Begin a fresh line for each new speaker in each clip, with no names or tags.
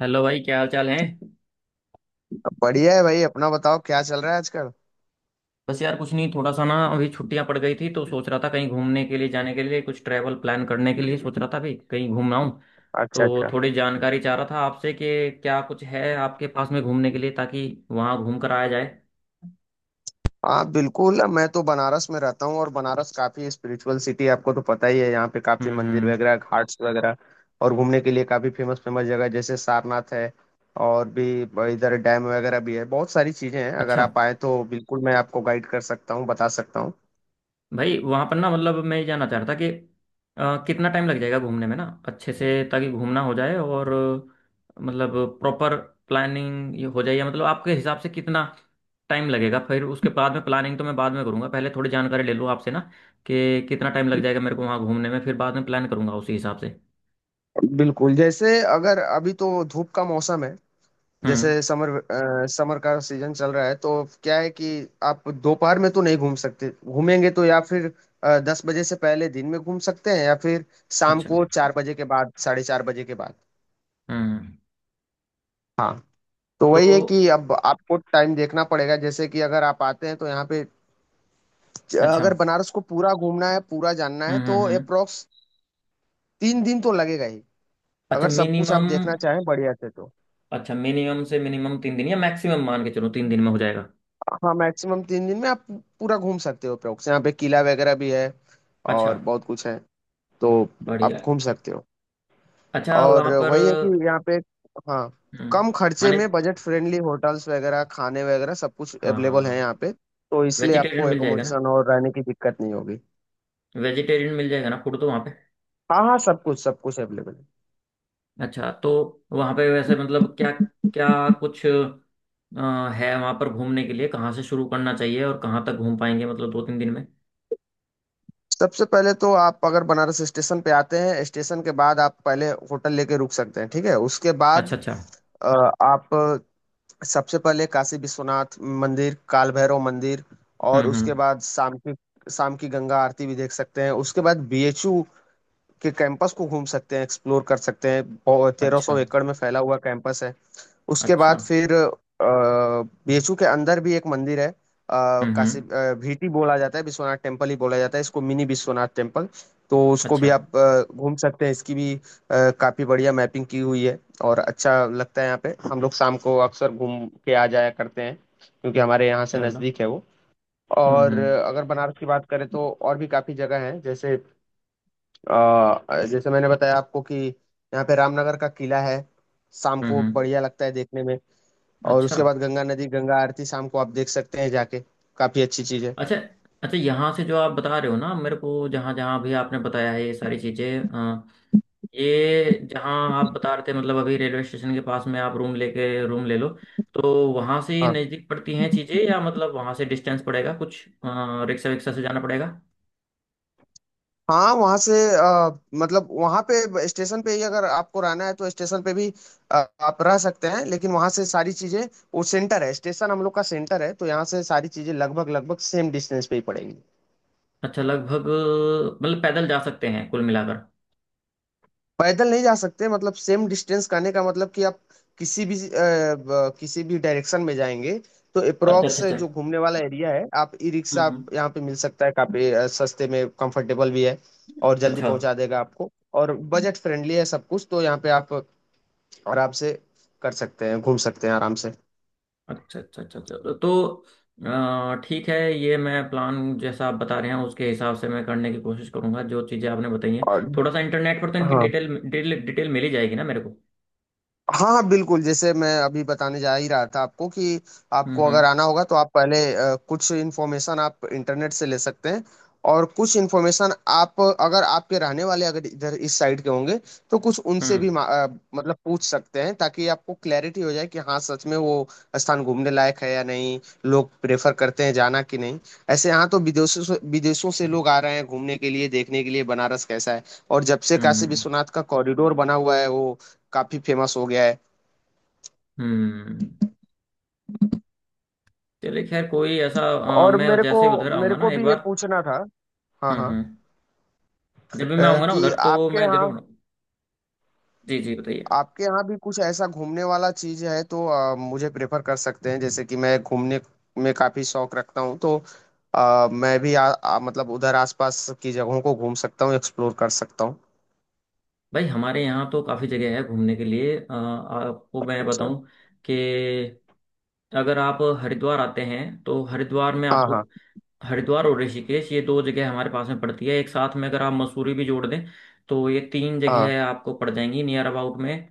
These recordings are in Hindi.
हेलो भाई, क्या हाल चाल है।
बढ़िया है भाई। अपना बताओ क्या चल रहा है आजकल।
बस यार, कुछ नहीं। थोड़ा सा ना, अभी छुट्टियां पड़ गई थी तो सोच रहा था कहीं घूमने के लिए, जाने के लिए, कुछ ट्रैवल प्लान करने के लिए सोच रहा था भाई, कहीं घूमना हूँ।
अच्छा
तो
अच्छा।
थोड़ी जानकारी चाह रहा था आपसे कि क्या कुछ है आपके पास में घूमने के लिए, ताकि वहाँ घूम कर आया जाए।
हाँ बिल्कुल, मैं तो बनारस में रहता हूँ और बनारस काफी स्पिरिचुअल सिटी, आपको तो पता ही है। यहाँ पे काफी मंदिर
हम्म।
वगैरह, घाट्स वगैरह और घूमने के लिए काफी फेमस फेमस जगह जैसे सारनाथ है। और भी इधर डैम वगैरह भी है। बहुत सारी चीजें हैं, अगर
अच्छा।
आप आए तो बिल्कुल मैं आपको गाइड कर सकता हूँ, बता सकता हूँ।
भाई, वहां पर ना, मतलब मैं ये जानना चाह रहा था कि कितना टाइम लग जाएगा घूमने में ना अच्छे से, ताकि घूमना हो जाए। और मतलब प्रॉपर प्लानिंग ये हो जाए, या मतलब आपके हिसाब से कितना टाइम लगेगा। फिर उसके बाद में प्लानिंग तो मैं बाद में करूंगा, पहले थोड़ी जानकारी ले लूँ आपसे ना कि कितना टाइम लग जाएगा मेरे को वहाँ घूमने में, फिर बाद में प्लान करूंगा उसी हिसाब से।
बिल्कुल, जैसे अगर अभी तो धूप का मौसम है,
हम्म।
जैसे समर समर का सीजन चल रहा है तो क्या है कि आप दोपहर में तो नहीं घूम सकते, घूमेंगे तो या फिर 10 बजे से पहले दिन में घूम सकते हैं, या फिर शाम
अच्छा।
को 4 बजे के बाद, 4:30 बजे के बाद।
हम्म।
हाँ। तो
तो
वही है कि अब आपको टाइम देखना पड़ेगा, जैसे कि अगर आप आते हैं तो यहाँ पे
अच्छा।
अगर बनारस को पूरा घूमना है, पूरा जानना है तो
हम्म।
अप्रोक्स 3 दिन तो लगेगा ही,
अच्छा
अगर सब कुछ आप
मिनिमम।
देखना चाहें बढ़िया से तो।
अच्छा, मिनिमम से मिनिमम 3 दिन, या मैक्सिमम मान के चलो 3 दिन में हो जाएगा।
हाँ मैक्सिमम 3 दिन में आप पूरा घूम सकते हो अप्रोक्स। यहाँ पे किला वगैरह भी है
अच्छा।
और बहुत कुछ है, तो आप
बढ़िया।
घूम सकते हो।
अच्छा,
और
वहाँ पर
वही है कि यहाँ पे, हाँ,
हम्म,
कम खर्चे
खाने,
में बजट फ्रेंडली होटल्स वगैरह, खाने वगैरह सब कुछ अवेलेबल है
हाँ,
यहाँ पे। तो इसलिए
वेजिटेरियन
आपको
मिल जाएगा ना।
एकोमोडेशन और रहने की दिक्कत नहीं होगी।
वेजिटेरियन मिल जाएगा ना फूड तो वहाँ पे।
हाँ हाँ, सब कुछ अवेलेबल है।
अच्छा। तो वहाँ पे वैसे मतलब क्या, क्या कुछ है वहाँ पर घूमने के लिए, कहाँ से शुरू करना चाहिए और कहाँ तक घूम पाएंगे, मतलब 2-3 दिन में।
सबसे पहले तो आप अगर बनारस स्टेशन पे आते हैं, स्टेशन के बाद आप पहले होटल लेके रुक सकते हैं, ठीक है। उसके बाद
अच्छा अच्छा।
आप सबसे पहले काशी विश्वनाथ मंदिर, काल भैरव मंदिर, और उसके
हम्म।
बाद शाम की गंगा आरती भी देख सकते हैं। उसके बाद बीएचयू के कैंपस को घूम सकते हैं, एक्सप्लोर कर सकते हैं। तेरह
अच्छा
सौ एकड़ में फैला हुआ कैंपस है। उसके
अच्छा।
बाद फिर बीएचयू के अंदर भी एक मंदिर है, काशी
हम्म।
भीटी बोला जाता है, विश्वनाथ टेम्पल ही बोला जाता है इसको, मिनी विश्वनाथ टेम्पल। तो उसको भी
अच्छा।
आप घूम सकते हैं, इसकी भी काफी बढ़िया मैपिंग की हुई है और अच्छा लगता है। यहाँ पे हम लोग शाम को अक्सर घूम के आ जाया करते हैं, क्योंकि हमारे यहाँ से
चलो।
नज़दीक है वो।
हम्म
और
हम्म
अगर बनारस की बात करें तो और भी काफी जगह है, जैसे अ, जैसे मैंने बताया आपको कि यहाँ पे रामनगर का किला है, शाम
हम्म
को
हम्म।
बढ़िया लगता है देखने में। और
अच्छा
उसके बाद गंगा नदी, गंगा आरती शाम को आप देख सकते हैं जाके, काफी अच्छी चीज है।
अच्छा अच्छा, यहाँ से जो आप बता रहे हो ना मेरे को, जहाँ जहाँ भी आपने बताया है ये सारी चीज़ें, ये जहाँ आप बता रहे थे, मतलब अभी रेलवे स्टेशन के पास में आप रूम लेके, रूम ले लो, तो वहाँ से ही
हाँ
नज़दीक पड़ती हैं चीज़ें, या मतलब वहाँ से डिस्टेंस पड़ेगा कुछ, रिक्शा विक्शा से जाना पड़ेगा।
हाँ, वहाँ से मतलब वहाँ पे स्टेशन पे ही अगर आपको रहना है तो स्टेशन पे भी अ, आप रह सकते हैं, लेकिन वहाँ से सारी चीजें, वो सेंटर है, स्टेशन हम लोग का सेंटर है, तो यहाँ से सारी चीजें लगभग लगभग सेम डिस्टेंस पे ही पड़ेगी।
अच्छा, लगभग, मतलब पैदल जा सकते हैं कुल मिलाकर।
पैदल नहीं जा सकते, मतलब सेम डिस्टेंस करने का मतलब कि आप किसी भी किसी भी डायरेक्शन में जाएंगे तो
अच्छा अच्छा
अप्रोक्स
अच्छा।
जो घूमने वाला एरिया है। आप ई रिक्शा आप
हम्म।
यहाँ पे मिल सकता है, काफी सस्ते में, कंफर्टेबल भी है और जल्दी
अच्छा
पहुंचा देगा आपको, और बजट फ्रेंडली है सब कुछ। तो यहाँ पे आप आराम से कर सकते हैं, घूम सकते हैं आराम से।
अच्छा अच्छा अच्छा अच्छा। तो, ठीक है, ये मैं प्लान जैसा आप बता रहे हैं उसके हिसाब से मैं करने की कोशिश करूंगा, जो चीज़ें आपने बताई हैं।
और
थोड़ा सा इंटरनेट पर तो इनकी
हाँ
डिटेल डिटेल डिटेल मिल ही जाएगी ना मेरे को।
हाँ हाँ बिल्कुल, जैसे मैं अभी बताने जा ही रहा था आपको, कि
हम्म
आपको अगर
हम्म
आना होगा तो आप पहले कुछ इन्फॉर्मेशन आप इंटरनेट से ले सकते हैं, और कुछ इन्फॉर्मेशन आप, अगर आपके रहने वाले अगर इधर इस साइड के होंगे तो कुछ उनसे भी
हम्म
मतलब पूछ सकते हैं, ताकि आपको क्लैरिटी हो जाए कि हाँ सच में वो स्थान घूमने लायक है या नहीं, लोग प्रेफर करते हैं जाना कि नहीं। ऐसे यहाँ तो विदेशों से लोग आ रहे हैं घूमने के लिए, देखने के लिए बनारस कैसा है। और जब से
हम्म
काशी
हम्म।
विश्वनाथ का कॉरिडोर बना हुआ है, वो काफी फेमस हो गया है।
हम्म। चलिए, खैर, कोई ऐसा,
और
मैं
मेरे को
जैसे उधर
मेरे
आऊंगा ना
को
एक
भी ये
बार।
पूछना था। हाँ हाँ,
हम्म। जब भी
अ,
मैं आऊंगा ना
कि
उधर तो
आपके
मैं जरूर।
यहाँ,
जी जी, बताइए।
आपके यहाँ भी कुछ ऐसा घूमने वाला चीज है तो मुझे प्रेफर कर सकते हैं, जैसे कि मैं घूमने में काफी शौक रखता हूँ तो मैं भी आ, आ, मतलब उधर आसपास की जगहों को घूम सकता हूँ, एक्सप्लोर कर सकता हूँ।
भाई, हमारे यहाँ तो काफ़ी जगह है घूमने के लिए, आपको मैं
अच्छा।
बताऊं कि अगर आप हरिद्वार आते हैं तो हरिद्वार में
हाँ
आपको,
हाँ
हरिद्वार और ऋषिकेश, ये दो जगह हमारे पास में पड़ती है। एक साथ में अगर आप मसूरी भी जोड़ दें, तो ये तीन
हाँ
जगह आपको पड़ जाएंगी नियर अबाउट में।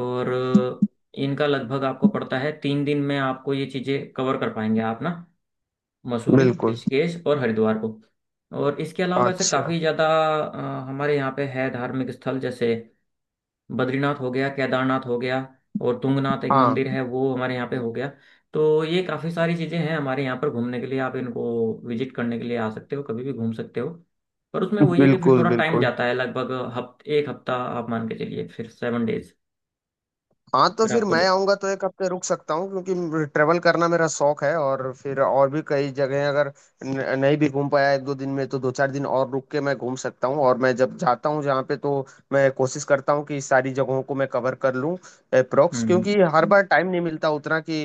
और इनका लगभग आपको पड़ता है 3 दिन में, आपको ये चीज़ें कवर कर पाएंगे आप ना, मसूरी,
बिल्कुल।
ऋषिकेश और हरिद्वार को। और इसके अलावा वैसे
अच्छा।
काफ़ी ज़्यादा हमारे यहाँ पे है धार्मिक स्थल, जैसे बद्रीनाथ हो गया, केदारनाथ हो गया, और तुंगनाथ एक
हाँ
मंदिर है वो हमारे यहाँ पे हो गया। तो ये काफ़ी सारी चीज़ें हैं हमारे यहाँ पर घूमने के लिए, आप इनको विजिट करने के लिए आ सकते हो, कभी भी घूम सकते हो। पर उसमें वही है कि फिर
बिल्कुल
थोड़ा टाइम
बिल्कुल।
जाता है, लगभग हफ्ते, एक हफ्ता आप मान के चलिए, फिर 7 डेज।
हाँ, तो
अगर
फिर
आपको
मैं
ज-।
आऊंगा तो एक हफ्ते रुक सकता हूँ, क्योंकि ट्रेवल करना मेरा शौक है। और फिर और भी कई जगह, अगर नहीं भी घूम पाया एक दो दिन में तो दो चार दिन और रुक के मैं घूम सकता हूँ। और मैं जब जाता हूँ जहाँ पे, तो मैं कोशिश करता हूँ कि सारी जगहों को मैं कवर कर लूँ अप्रोक्स, क्योंकि
हम्म।
हर बार टाइम नहीं मिलता उतना कि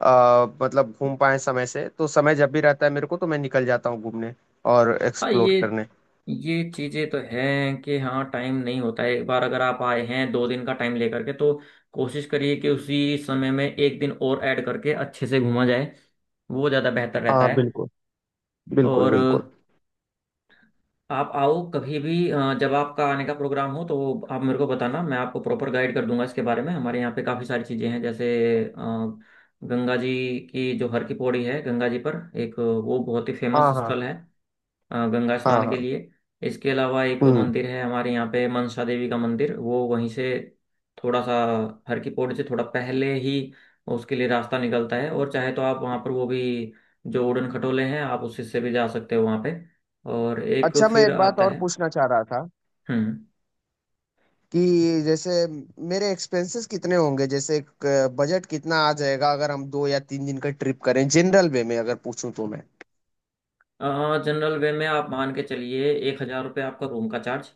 मतलब घूम पाए समय से। तो समय जब भी रहता है मेरे को तो मैं निकल जाता हूँ घूमने और
हाँ,
एक्सप्लोर
ये
करने।
ये चीजें तो हैं कि हाँ टाइम नहीं होता है। एक बार अगर आप आए हैं 2 दिन का टाइम लेकर के, तो कोशिश करिए कि उसी समय में एक दिन और ऐड करके अच्छे से घूमा जाए, वो ज़्यादा बेहतर रहता
हाँ
है।
बिल्कुल बिल्कुल
और
बिल्कुल।
आप आओ कभी भी, जब आपका आने का प्रोग्राम हो तो आप मेरे को बताना, मैं आपको प्रॉपर गाइड कर दूंगा इसके बारे में। हमारे यहाँ पे काफ़ी सारी चीज़ें हैं, जैसे अ, गंगा जी की जो हर की पौड़ी है, गंगा जी पर एक वो बहुत ही फेमस
हाँ हाँ
स्थल है गंगा
हाँ
स्नान के
हाँ।
लिए। इसके अलावा एक
हम्म।
मंदिर है हमारे यहाँ पे, मनसा देवी का मंदिर, वो वहीं से थोड़ा सा, हर की पौड़ी से थोड़ा पहले ही उसके लिए रास्ता निकलता है, और चाहे तो आप वहाँ पर वो भी, जो उड़न खटोले हैं, आप उससे से भी जा सकते हो वहाँ पे। और एक
अच्छा मैं
फिर
एक बात
आता
और
है।
पूछना चाह रहा था,
हम्म।
कि जैसे मेरे एक्सपेंसेस कितने होंगे, जैसे बजट कितना आ जाएगा, अगर हम 2 या 3 दिन का ट्रिप करें, जनरल वे में अगर पूछूं तो मैं।
जनरल वे में आप मान के चलिए 1,000 रुपये आपका रूम का चार्ज,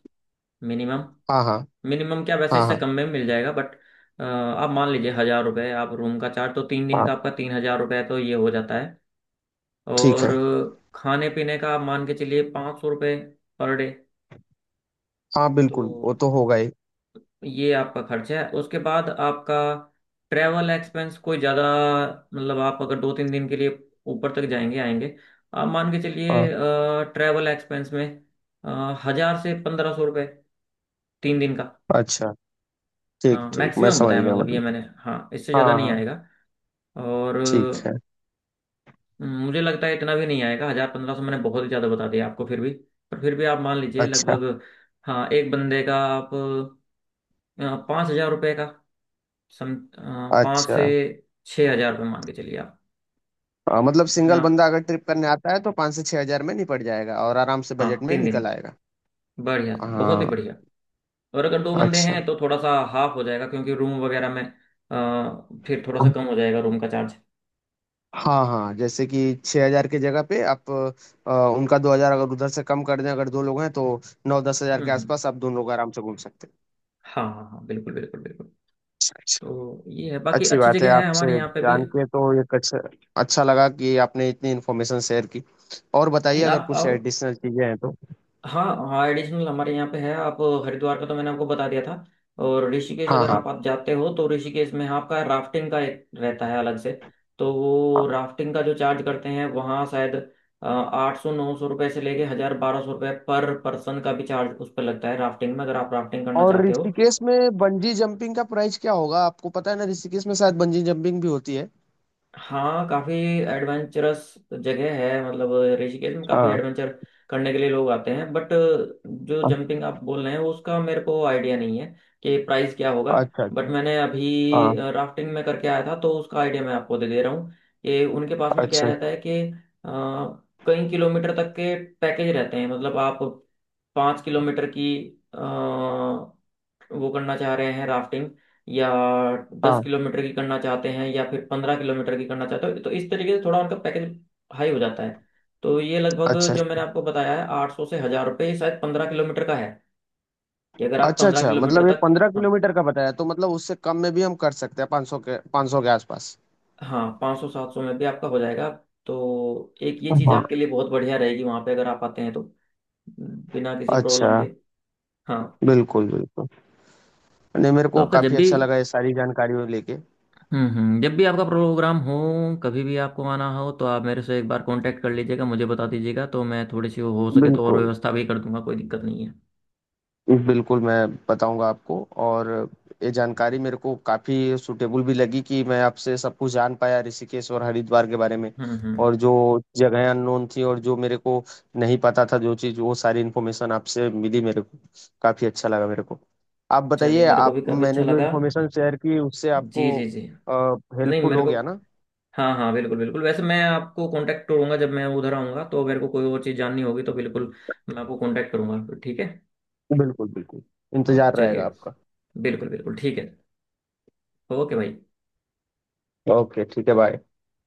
मिनिमम।
हाँ हाँ
मिनिमम क्या, वैसे
हाँ
इससे
हाँ
कम में मिल जाएगा, बट आप मान लीजिए 1,000 रुपये आप रूम का चार्ज, तो 3 दिन
हाँ।
का आपका 3,000 रुपये तो ये हो जाता है।
ठीक
और
है।
खाने पीने का आप मान के चलिए 500 रुपये पर डे,
हाँ
तो
बिल्कुल वो तो होगा ही।
ये आपका खर्च है। उसके बाद आपका ट्रैवल एक्सपेंस कोई ज़्यादा, मतलब आप अगर 2-3 दिन के लिए ऊपर तक जाएंगे आएंगे, आप मान के चलिए
हाँ।
ट्रैवल एक्सपेंस में 1,000 से 1,500 रुपये, 3 दिन का।
अच्छा ठीक
हाँ
ठीक, मैं
मैक्सिमम
समझ
बताया
गया
मतलब ये
मतलब।
मैंने, हाँ इससे ज़्यादा
हाँ
नहीं
हाँ।
आएगा। और
ठीक है।
मुझे लगता है इतना भी नहीं आएगा, 1,000 1,500 मैंने बहुत ही ज्यादा बता दिया आपको, फिर भी, पर फिर भी आप मान लीजिए
अच्छा
लगभग, हाँ, एक बंदे का आप 5,000 रुपये का सम, पाँच
अच्छा।
से छः हजार रुपये मान के चलिए आप
हाँ, मतलब
अपने
सिंगल
आप।
बंदा अगर ट्रिप करने आता है तो 5 से 6 हजार में निपट जाएगा और आराम से
हाँ
बजट में
3 दिन।
निकल आएगा।
बढ़िया, बहुत ही
हाँ।
बढ़िया। और अगर दो बंदे
अच्छा।
हैं तो थोड़ा सा हाफ हो जाएगा क्योंकि रूम वगैरह में, फिर थोड़ा सा कम हो जाएगा रूम का चार्ज।
हाँ हाँ, जैसे कि 6 हजार की जगह पे आप उनका 2 हजार अगर उधर से कम कर दें, अगर दो लोग हैं तो 9-10 हजार के
हम्म।
आसपास आप दोनों लोग आराम से घूम सकते हैं।
हाँ हाँ हाँ, बिल्कुल बिल्कुल बिल्कुल।
अच्छा।
तो ये है, बाकी
अच्छी
अच्छी
बात है
जगह है
आपसे
हमारे यहाँ पे भी।
जान के, तो ये अच्छा, अच्छा लगा कि आपने इतनी इन्फॉर्मेशन शेयर की। और बताइए
नहीं,
अगर
आप
कुछ
आओ।
एडिशनल चीजें हैं तो।
हाँ हाँ, एडिशनल हमारे यहाँ पे है आप। हरिद्वार का तो मैंने आपको बता दिया था। और ऋषिकेश
हाँ
अगर
हाँ
आप जाते हो तो ऋषिकेश में, हाँ, आपका राफ्टिंग का एक रहता है अलग से। तो
हाँ।
वो राफ्टिंग का जो चार्ज करते हैं वहाँ शायद 800 900 रुपये से लेके 1,000 1,200 रुपये पर पर्सन का भी चार्ज उस पर लगता है राफ्टिंग में, अगर आप राफ्टिंग करना
और
चाहते हो।
ऋषिकेश में बंजी जंपिंग का प्राइस क्या होगा, आपको पता है ना, ऋषिकेश में शायद बंजी जंपिंग भी होती है।
हाँ, काफी एडवेंचरस जगह है, मतलब ऋषिकेश में काफी
हाँ
एडवेंचर करने के लिए लोग आते हैं। बट जो
हाँ,
जंपिंग आप बोल रहे हैं उसका मेरे को आइडिया नहीं है कि प्राइस क्या होगा।
अच्छा
बट
अच्छा।
मैंने
हाँ।
अभी राफ्टिंग में करके आया था, तो उसका आइडिया मैं आपको दे दे रहा हूँ कि उनके पास में क्या
अच्छा।
रहता है कि अ, कई किलोमीटर तक के पैकेज रहते हैं। मतलब आप 5 किलोमीटर की वो करना चाह रहे हैं राफ्टिंग, या दस
हाँ।
किलोमीटर की करना चाहते हैं, या फिर 15 किलोमीटर की करना चाहते हो, तो इस तरीके से थोड़ा उनका पैकेज हाई हो जाता है। तो ये लगभग
अच्छा
जो मैंने आपको बताया है, 800 से 1,000 रुपये, ये शायद 15 किलोमीटर का है, कि अगर आप
अच्छा
पंद्रह
अच्छा,
किलोमीटर
मतलब ये
तक।
पंद्रह
हाँ
किलोमीटर का बताया, तो मतलब उससे कम में भी हम कर सकते हैं, 500 के, 500 के आसपास।
हाँ, 500 700 में भी आपका हो जाएगा। तो एक ये चीज़
हाँ।
आपके लिए बहुत बढ़िया रहेगी वहाँ पे, अगर आप आते हैं तो, बिना किसी
अच्छा।
प्रॉब्लम के। हाँ।
बिल्कुल बिल्कुल। नहीं मेरे
तो
को
आपका जब
काफी
भी,
अच्छा लगा ये सारी जानकारी लेके।
जब भी आपका प्रोग्राम हो, कभी भी आपको आना हो तो आप मेरे से एक बार कांटेक्ट कर लीजिएगा, मुझे बता दीजिएगा, तो मैं थोड़ी सी हो सके तो और
बिल्कुल
व्यवस्था भी कर दूंगा, कोई दिक्कत नहीं है।
बिल्कुल, मैं बताऊँगा आपको। और ये जानकारी मेरे को काफ़ी सूटेबल भी लगी, कि मैं आपसे सब कुछ जान पाया, ऋषिकेश और हरिद्वार के बारे में।
हम्म।
और जो जगहें अननोन थी और जो मेरे को नहीं पता था जो चीज़, वो सारी इन्फॉर्मेशन आपसे मिली मेरे को, काफ़ी अच्छा लगा मेरे को। आप
चलिए,
बताइए,
मेरे को भी
आप,
काफ़ी
मैंने
अच्छा
जो
लगा।
इन्फॉर्मेशन शेयर की उससे
जी
आपको
जी जी। नहीं,
हेल्पफुल
मेरे
हो
को,
गया ना?
हाँ हाँ बिल्कुल बिल्कुल, वैसे मैं आपको कांटेक्ट करूंगा जब मैं उधर आऊंगा, तो मेरे को कोई और चीज़ जाननी होगी तो बिल्कुल मैं आपको कांटेक्ट करूंगा। ठीक है।
बिल्कुल, बिल्कुल।
हाँ
इंतज़ार रहेगा
चलिए,
आपका।
बिल्कुल बिल्कुल, ठीक है। ओके भाई।
ओके, ठीक है, बाय।